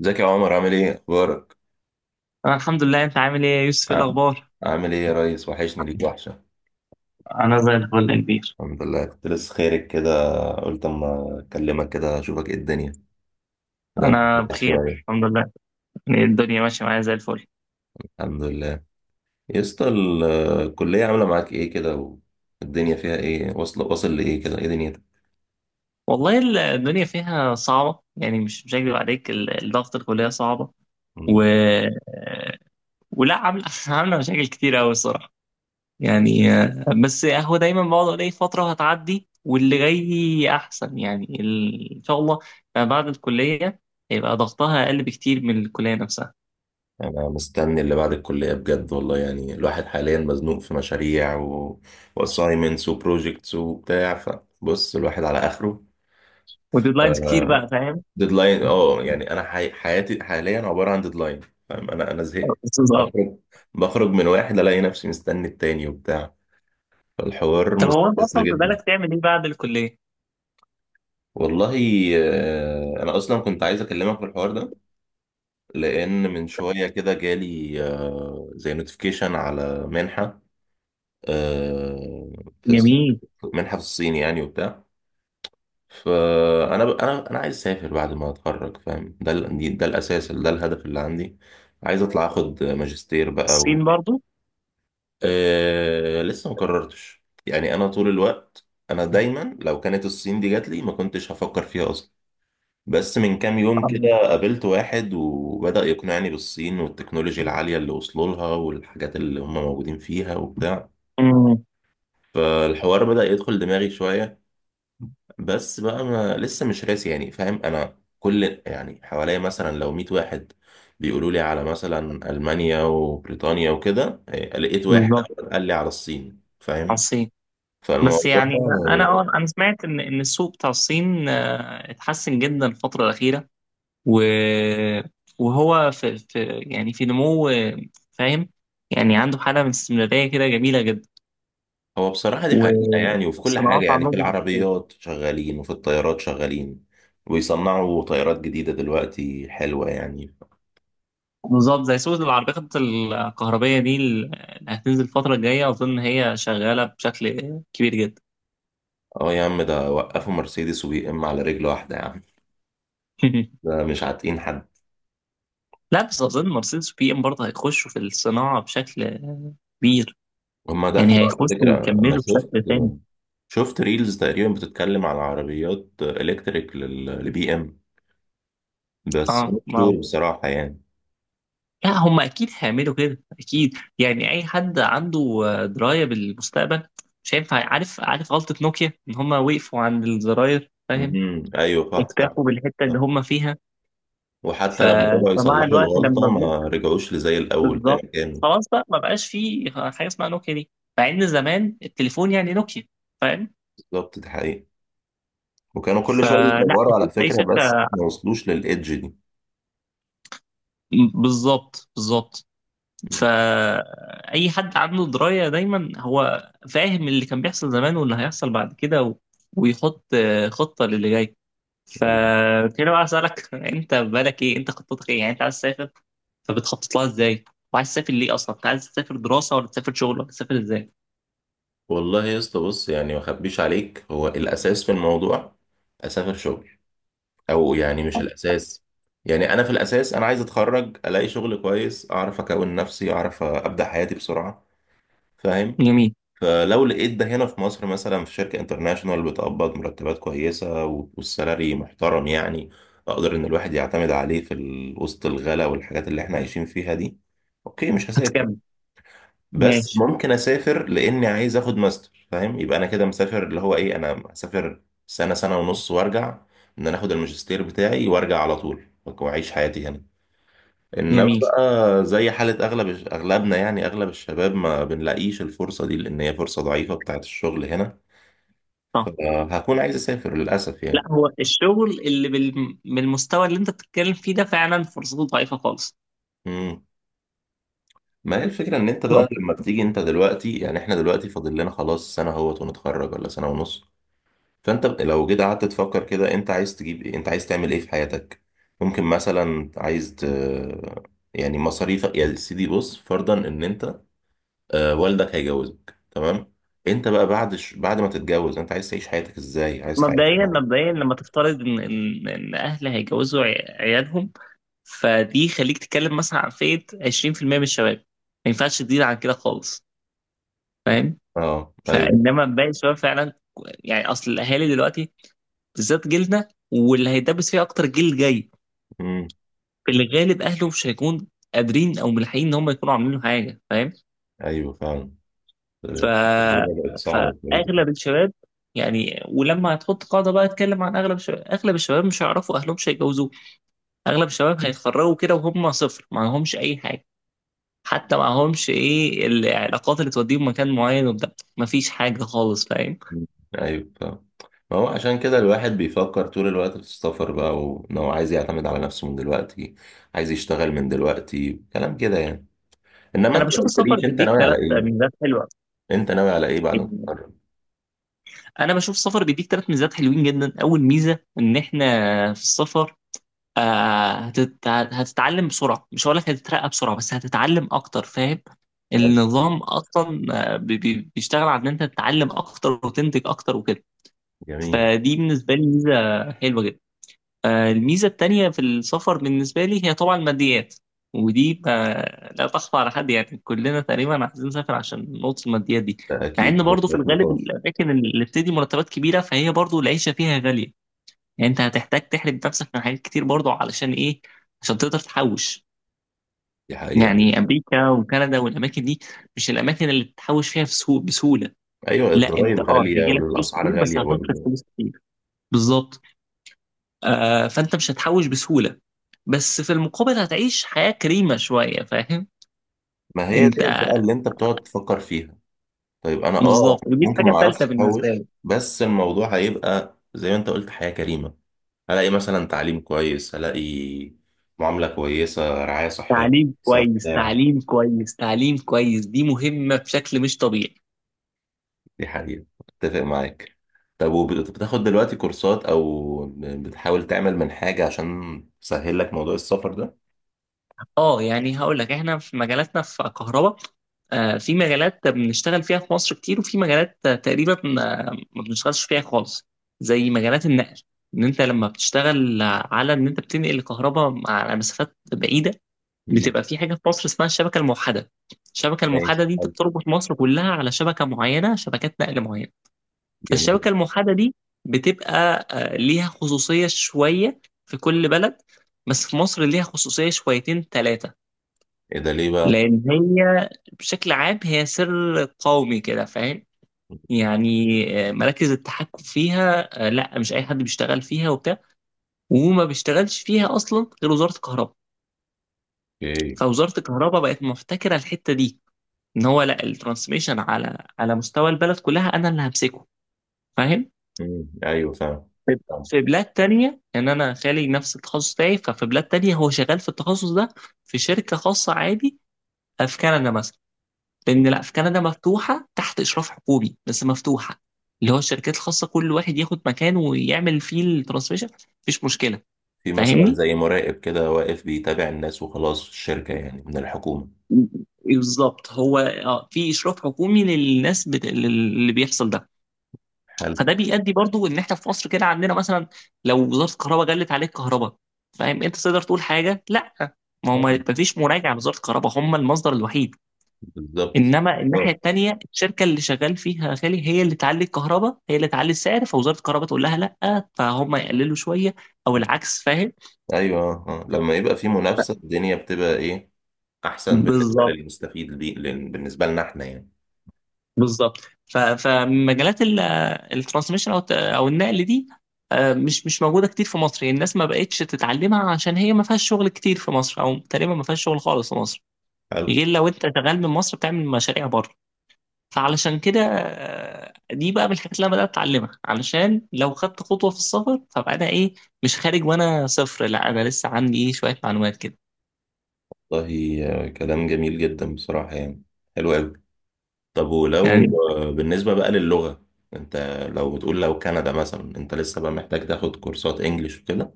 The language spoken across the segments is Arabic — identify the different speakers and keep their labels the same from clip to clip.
Speaker 1: ازيك يا عمر؟ عامل ايه؟ اخبارك؟
Speaker 2: أنا الحمد لله أنت عامل إيه يا يوسف إيه
Speaker 1: ع-
Speaker 2: الأخبار؟
Speaker 1: عامل ايه يا ريس؟ وحشني ليك وحشه.
Speaker 2: أنا زي الفل يا كبير.
Speaker 1: الحمد لله، كنت لسه خيرك كده. قلت اما اكلمك كده اشوفك ايه الدنيا، بدأت
Speaker 2: أنا
Speaker 1: أتفرح
Speaker 2: بخير،
Speaker 1: شويه.
Speaker 2: الحمد لله. يعني الدنيا ماشية معايا زي الفل.
Speaker 1: الحمد لله. يا اسطى، الكليه عامله معاك ايه كده؟ والدنيا فيها ايه؟ واصل واصل لايه كده؟ ايه دنيتك؟
Speaker 2: والله الدنيا فيها صعبة، يعني مش هكدب عليك. الضغط، الكلية صعبة. و...
Speaker 1: مم.
Speaker 2: ولا عاملة عاملة مشاكل كتير أوي الصراحة. يعني بس هو دايما بقعد أقول إيه، فترة هتعدي واللي جاي أحسن، يعني إن شاء الله. بعد الكلية هيبقى ضغطها أقل بكتير من الكلية نفسها.
Speaker 1: انا مستني اللي بعد الكليه بجد والله، يعني الواحد حاليا مزنوق في مشاريع واسايمنتس وبروجكتس وبتاع، فبص الواحد على اخره.
Speaker 2: وديدلاينز كتير بقى،
Speaker 1: آه،
Speaker 2: فاهم؟
Speaker 1: ديدلاين، اه يعني انا حياتي حاليا عباره عن ديدلاين، فاهم؟ انا زهقت. بخرج، بخرج من واحد الاقي نفسي مستني التاني وبتاع، فالحوار
Speaker 2: طب هو انت
Speaker 1: مستفز
Speaker 2: اصلا في
Speaker 1: جدا.
Speaker 2: بالك تعمل ايه بعد الكليه؟
Speaker 1: والله انا اصلا كنت عايز اكلمك في الحوار ده، لان من شويه كده جالي زي نوتيفيكيشن على منحه. آه، في الص-
Speaker 2: جميل.
Speaker 1: منحه في الصين يعني وبتاع. فانا ب... انا انا عايز اسافر بعد ما اتخرج، فاهم؟ ده ده الاساس، ده الهدف اللي عندي. عايز اطلع اخد ماجستير بقى
Speaker 2: الصين برضو؟
Speaker 1: لسه ما قررتش يعني. انا طول الوقت انا دايما لو كانت الصين دي جات لي ما كنتش هفكر فيها اصلا، بس من كام يوم كده
Speaker 2: آه.
Speaker 1: قابلت واحد وبدأ يقنعني بالصين والتكنولوجيا العالية اللي وصلوا لها والحاجات اللي هم موجودين فيها وبتاع.
Speaker 2: امم.
Speaker 1: فالحوار بدأ يدخل دماغي شوية، بس بقى ما لسه مش راسي يعني، فاهم؟ انا كل يعني حواليا مثلا لو 100 واحد بيقولوا لي على مثلا المانيا وبريطانيا وكده إيه، لقيت واحد
Speaker 2: بالظبط،
Speaker 1: أول قال لي على الصين،
Speaker 2: على
Speaker 1: فاهم؟
Speaker 2: الصين. بس
Speaker 1: فالموضوع.
Speaker 2: يعني انا سمعت ان السوق بتاع الصين اتحسن جدا الفتره الاخيره. و وهو في يعني في نمو، فاهم. يعني عنده حاله من الاستمراريه كده جميله جدا.
Speaker 1: هو بصراحة دي حقيقة يعني، وفي كل
Speaker 2: والصناعات
Speaker 1: حاجة يعني، في
Speaker 2: عندهم.
Speaker 1: العربيات شغالين وفي الطيارات شغالين، ويصنعوا طيارات جديدة دلوقتي حلوة يعني.
Speaker 2: بالظبط، زي سوق العربيات الكهربائيه دي اللي هتنزل الفتره الجايه، اظن هي شغاله بشكل كبير جدا.
Speaker 1: اه يا عم، ده وقفوا مرسيدس وبي ام على رجل واحدة يا عم، ده مش عاتقين حد.
Speaker 2: لا، بس أظن مرسيدس وبي إم برضه هيخشوا في الصناعة بشكل كبير.
Speaker 1: هما
Speaker 2: يعني
Speaker 1: دخلوا على
Speaker 2: هيخشوا
Speaker 1: فكرة، أنا
Speaker 2: ويكملوا
Speaker 1: شفت،
Speaker 2: بشكل تاني.
Speaker 1: شفت ريلز تقريبا بتتكلم على عربيات إلكتريك للبي إم، بس
Speaker 2: اه،
Speaker 1: مش
Speaker 2: ما
Speaker 1: شور بصراحة يعني.
Speaker 2: لا، هم أكيد هيعملوا كده، أكيد. يعني أي حد عنده دراية بالمستقبل مش هينفع. عارف غلطة نوكيا إن هم وقفوا عند الزراير، فاهم.
Speaker 1: امم، أيوه صح صح.
Speaker 2: اكتفوا بالحتة اللي
Speaker 1: صح.
Speaker 2: هم فيها. ف...
Speaker 1: وحتى لما رجعوا
Speaker 2: فمع
Speaker 1: يصلحوا
Speaker 2: الوقت
Speaker 1: الغلطة
Speaker 2: لما جم.
Speaker 1: ما رجعوش لزي الأول زي ما
Speaker 2: بالظبط.
Speaker 1: كانوا.
Speaker 2: خلاص، بقى ما بقاش فيه حاجة اسمها نوكيا دي. مع إن زمان التليفون يعني نوكيا، فاهم.
Speaker 1: بالظبط، دي حقيقة. وكانوا كل شوية
Speaker 2: فلا
Speaker 1: بيطوروا على
Speaker 2: أكيد أي
Speaker 1: فكرة بس
Speaker 2: شركة.
Speaker 1: ما وصلوش للإيدج دي.
Speaker 2: بالظبط، بالظبط.
Speaker 1: مم.
Speaker 2: فأي حد عنده دراية دايما هو فاهم اللي كان بيحصل زمان واللي هيحصل بعد كده ويحط خطة للي جاي.
Speaker 1: أيوة.
Speaker 2: فكده بقى أسألك، أنت بالك إيه، أنت خطتك إيه، يعني أنت عايز تسافر فبتخطط لها إزاي؟ وعايز تسافر ليه أصلا؟ أنت عايز تسافر دراسة، ولا تسافر شغل، ولا تسافر إزاي؟
Speaker 1: والله يا اسطى، بص يعني ما أخبيش عليك، هو الأساس في الموضوع أسافر شغل. او يعني مش الاساس، يعني انا في الاساس انا عايز اتخرج الاقي شغل كويس، اعرف اكون نفسي، اعرف ابدا حياتي بسرعه، فاهم؟
Speaker 2: جميل.
Speaker 1: فلو لقيت ده هنا في مصر مثلا، في شركه انترناشونال بتقبض مرتبات كويسه والسالري محترم يعني، اقدر ان الواحد يعتمد عليه وسط الغلا والحاجات اللي احنا عايشين فيها دي، اوكي مش هسافر.
Speaker 2: هتكمل.
Speaker 1: بس
Speaker 2: ماشي.
Speaker 1: ممكن اسافر لاني عايز اخد ماستر، فاهم؟ يبقى انا كده مسافر، اللي هو ايه، انا اسافر سنه سنه ونص وارجع. ان انا اخد الماجستير بتاعي وارجع على طول واعيش حياتي هنا. انما
Speaker 2: جميل.
Speaker 1: بقى زي حاله اغلبنا يعني، اغلب الشباب ما بنلاقيش الفرصه دي، لان هي فرصه ضعيفه بتاعت الشغل هنا،
Speaker 2: صح.
Speaker 1: فهكون عايز اسافر للاسف
Speaker 2: لا،
Speaker 1: يعني.
Speaker 2: هو الشغل اللي بالمستوى اللي أنت بتتكلم فيه ده فعلا فرصته ضعيفة خالص.
Speaker 1: امم. ما هي الفكره ان انت بقى لما بتيجي انت دلوقتي، يعني احنا دلوقتي فاضل لنا خلاص سنه اهوت ونتخرج ولا سنه ونص. فانت لو جيت قعدت تفكر كده، انت عايز تجيب ايه؟ انت عايز تعمل ايه في حياتك؟ ممكن مثلا يعني مصاريفك يا سيدي، بص فرضا ان انت آه والدك هيجوزك تمام، انت بقى بعد ما تتجوز انت عايز تعيش حياتك ازاي؟ عايز تعيش؟
Speaker 2: مبدئيا مبدئيا لما تفترض ان اهل هيجوزوا عيالهم، فدي خليك تتكلم مثلا عن فئه 20% من الشباب، ما ينفعش تزيد عن كده خالص، فاهم.
Speaker 1: اه ايوه.
Speaker 2: فانما باقي الشباب فعلا، يعني اصل الاهالي دلوقتي بالذات جيلنا واللي هيدبس فيه اكتر الجيل الجاي،
Speaker 1: امم.
Speaker 2: في الغالب اهله مش هيكون قادرين او ملحقين ان هم يكونوا عاملين له حاجه، فاهم.
Speaker 1: ايوه فعلا.
Speaker 2: ف
Speaker 1: آه، الدنيا بقت صعبة شوية
Speaker 2: فاغلب
Speaker 1: دلوقتي.
Speaker 2: الشباب، يعني ولما هتحط قاعده بقى اتكلم عن اغلب الشباب، اغلب الشباب مش هيعرفوا اهلهم مش. اغلب الشباب هيتخرجوا كده وهم صفر، معهمش اي حاجه. حتى معهمش ايه العلاقات اللي توديهم مكان معين وبتاع. مفيش حاجه خالص، فاهم.
Speaker 1: مم. ايوه فعلا. ما هو عشان كده الواحد بيفكر طول الوقت في السفر بقى، وان هو عايز يعتمد على نفسه من دلوقتي، عايز يشتغل من دلوقتي، كلام كده يعني. انما
Speaker 2: انا
Speaker 1: انت ما
Speaker 2: بشوف السفر
Speaker 1: قلتليش انت
Speaker 2: بيديك
Speaker 1: ناوي على
Speaker 2: ثلاث
Speaker 1: ايه،
Speaker 2: ميزات حلوه
Speaker 1: انت ناوي على ايه بعد ما تتخرج؟
Speaker 2: انا بشوف السفر بيديك ثلاث ميزات حلوين جدا. اول ميزه، ان احنا في السفر هتتعلم بسرعه، مش هقول لك هتترقى بسرعه بس هتتعلم اكتر، فاهم.
Speaker 1: حلو.
Speaker 2: النظام اصلا بيشتغل على ان انت تتعلم اكتر وتنتج اكتر وكده.
Speaker 1: جميل.
Speaker 2: فدي بالنسبه لي ميزه حلوه جدا. الميزة التانية في السفر بالنسبة لي هي طبعا الماديات، ودي ما لا تخفى على حد، يعني كلنا تقريبا عايزين نسافر عشان نقطة الماديات دي.
Speaker 1: ده
Speaker 2: مع
Speaker 1: اكيد،
Speaker 2: ان
Speaker 1: ده
Speaker 2: برضه في
Speaker 1: خلاف
Speaker 2: الغالب
Speaker 1: نقاش.
Speaker 2: الأماكن اللي بتدي مرتبات كبيرة، فهي برضه العيشة فيها غالية. يعني أنت هتحتاج تحرم نفسك من حاجات كتير برضه، علشان إيه؟ عشان تقدر تحوش.
Speaker 1: دي حقيقه
Speaker 2: يعني
Speaker 1: للأسف.
Speaker 2: أمريكا وكندا والأماكن دي مش الأماكن اللي تحوش فيها بسهولة.
Speaker 1: ايوه،
Speaker 2: لا، أنت
Speaker 1: الضرايب
Speaker 2: أه
Speaker 1: غاليه
Speaker 2: هيجيلك فلوس كتير
Speaker 1: والاسعار
Speaker 2: بس
Speaker 1: غاليه
Speaker 2: هتصرف
Speaker 1: برضه.
Speaker 2: فلوس كتير. بالظبط. فانت مش هتحوش بسهولة، بس في المقابل هتعيش حياة كريمة شوية، فاهم
Speaker 1: ما هي
Speaker 2: انت.
Speaker 1: ديت بقى اللي انت بتقعد تفكر فيها. طيب انا اه
Speaker 2: بالظبط، ودي
Speaker 1: ممكن
Speaker 2: الحاجة
Speaker 1: ما اعرفش
Speaker 2: الثالثة بالنسبة
Speaker 1: احوش،
Speaker 2: لي.
Speaker 1: بس الموضوع هيبقى زي ما انت قلت حياه كريمه. هلاقي مثلا تعليم كويس، هلاقي معامله كويسه، رعايه صحيه
Speaker 2: تعليم
Speaker 1: كويسة،
Speaker 2: كويس،
Speaker 1: بتاع.
Speaker 2: تعليم كويس، تعليم كويس، دي مهمة بشكل مش طبيعي.
Speaker 1: دي حقيقة، اتفق معاك. طب وبتاخد دلوقتي كورسات او بتحاول تعمل من حاجة عشان تسهل لك موضوع السفر ده؟
Speaker 2: اه، يعني هقول لك احنا في مجالاتنا في كهرباء، في مجالات بنشتغل فيها في مصر كتير، وفي مجالات تقريبا ما بنشتغلش فيها خالص، زي مجالات النقل. ان انت لما بتشتغل على ان انت بتنقل الكهرباء على مسافات بعيده،
Speaker 1: مم.
Speaker 2: بتبقى في حاجه في مصر اسمها الشبكه الموحده. الشبكه الموحده
Speaker 1: ماشي،
Speaker 2: دي انت
Speaker 1: حلو.
Speaker 2: بتربط مصر كلها على شبكه معينه، شبكات نقل معينه. فالشبكه
Speaker 1: جميل.
Speaker 2: الموحده دي بتبقى ليها خصوصيه شويه في كل بلد، بس في مصر ليها خصوصيه شويتين ثلاثه.
Speaker 1: ايه ده؟ ليه بقى؟
Speaker 2: لان هي بشكل عام هي سر قومي كده، فاهم. يعني مراكز التحكم فيها لا، مش اي حد بيشتغل فيها وبتاع. وما بيشتغلش فيها اصلا غير وزاره الكهرباء.
Speaker 1: اوكي.
Speaker 2: فوزاره الكهرباء بقت محتكره الحته دي، ان هو لا، الترانسميشن على مستوى البلد كلها انا اللي همسكه، فاهم.
Speaker 1: مم. ايوه فاهم.
Speaker 2: في
Speaker 1: فاهم.
Speaker 2: في بلاد تانية، يعني انا خالي نفس التخصص بتاعي، ففي بلاد تانية هو شغال في التخصص ده في شركة خاصة عادي. في كندا مثلا، لان لا، في كندا مفتوحة تحت اشراف حكومي بس مفتوحة. اللي هو الشركات الخاصة كل واحد ياخد مكان ويعمل فيه الترانسميشن، مفيش مشكلة،
Speaker 1: في مثلا
Speaker 2: فاهمني.
Speaker 1: زي مراقب كده واقف بيتابع الناس وخلاص في الشركة يعني من الحكومة؟
Speaker 2: بالظبط، هو في اشراف حكومي للناس اللي بيحصل ده.
Speaker 1: حلو.
Speaker 2: فده بيؤدي برضو ان احنا في مصر كده عندنا مثلا، لو وزاره الكهرباء جلت عليك كهرباء، فاهم انت تقدر تقول حاجه؟ لا. ما هو ما فيش مراجعه لوزاره الكهرباء، هم المصدر الوحيد.
Speaker 1: بالظبط.
Speaker 2: انما الناحيه
Speaker 1: آه.
Speaker 2: التانيه، الشركه اللي شغال فيها يا خالي هي اللي تعلي الكهرباء، هي اللي تعلي السعر، فوزاره الكهرباء تقول لها لا، فهم يقللوا شويه، او العكس، فاهم.
Speaker 1: ايوه. آه. آه. لما يبقى في منافسة الدنيا بتبقى ايه، احسن بالنسبة
Speaker 2: بالظبط،
Speaker 1: للمستفيد دي بالنسبة لنا احنا يعني.
Speaker 2: بالظبط. فمجالات الترانسميشن او النقل دي مش موجوده كتير في مصر، يعني الناس ما بقتش تتعلمها عشان هي ما فيهاش شغل كتير في مصر، او تقريبا ما فيهاش شغل خالص في مصر،
Speaker 1: حلو.
Speaker 2: غير لو انت شغال من مصر بتعمل مشاريع بره. فعلشان كده دي بقى من الحاجات اللي انا بدات اتعلمها، علشان لو خدت خطوه في السفر فبقى انا ايه، مش خارج وانا صفر، لا انا لسه عندي ايه شويه معلومات كده.
Speaker 1: والله كلام جميل جدا بصراحة يعني، حلو أوي. طب ولو
Speaker 2: يعني
Speaker 1: بالنسبة بقى للغة، أنت لو بتقول لو كندا مثلا، أنت لسه بقى محتاج تاخد كورسات إنجليش وكده؟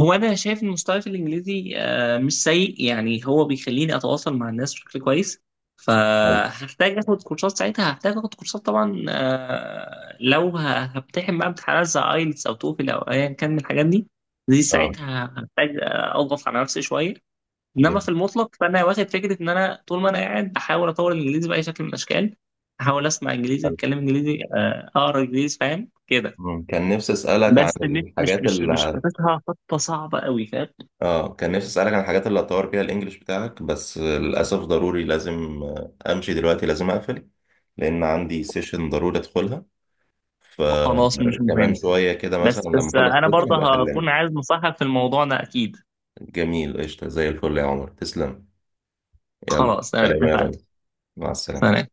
Speaker 2: هو انا شايف ان مستواي في الانجليزي مش سيء، يعني هو بيخليني اتواصل مع الناس بشكل كويس.
Speaker 1: حلو.
Speaker 2: فهحتاج اخد كورسات ساعتها هحتاج اخد كورسات طبعا، لو هبتحم بقى امتحانات زي ايلتس او توفل او ايا كان من الحاجات دي، دي
Speaker 1: اه.
Speaker 2: ساعتها هحتاج اضغط على نفسي شويه. انما
Speaker 1: جميل.
Speaker 2: في المطلق فانا واخد فكره ان انا طول ما انا قاعد بحاول اطور الانجليزي باي شكل من الاشكال، احاول اسمع انجليزي،
Speaker 1: حلو.
Speaker 2: اتكلم انجليزي، اقرا انجليزي، فاهم كده.
Speaker 1: مم. كان نفسي أسألك عن
Speaker 2: بس مش مش
Speaker 1: الحاجات
Speaker 2: مش
Speaker 1: اللي،
Speaker 2: مش حاططها خطه صعبه قوي، فاهم.
Speaker 1: اه كان نفسي أسألك عن الحاجات اللي هتطور فيها الإنجليش بتاعك، بس للأسف ضروري لازم أمشي دلوقتي، لازم أقفل، لأن عندي سيشن ضروري أدخلها.
Speaker 2: خلاص، مش
Speaker 1: فكمان
Speaker 2: مهم،
Speaker 1: شوية كده مثلا،
Speaker 2: بس
Speaker 1: لما
Speaker 2: بس
Speaker 1: أخلص
Speaker 2: انا
Speaker 1: السيشن هبقى
Speaker 2: برضه
Speaker 1: أكلمك.
Speaker 2: هكون عايز نصيحة في الموضوع ده اكيد.
Speaker 1: جميل، قشطة، زي الفل يا عمر، تسلم. يلا.
Speaker 2: خلاص، تمام،
Speaker 1: سلام يا
Speaker 2: اتفقنا.
Speaker 1: ريس. مع السلامة.
Speaker 2: سلام.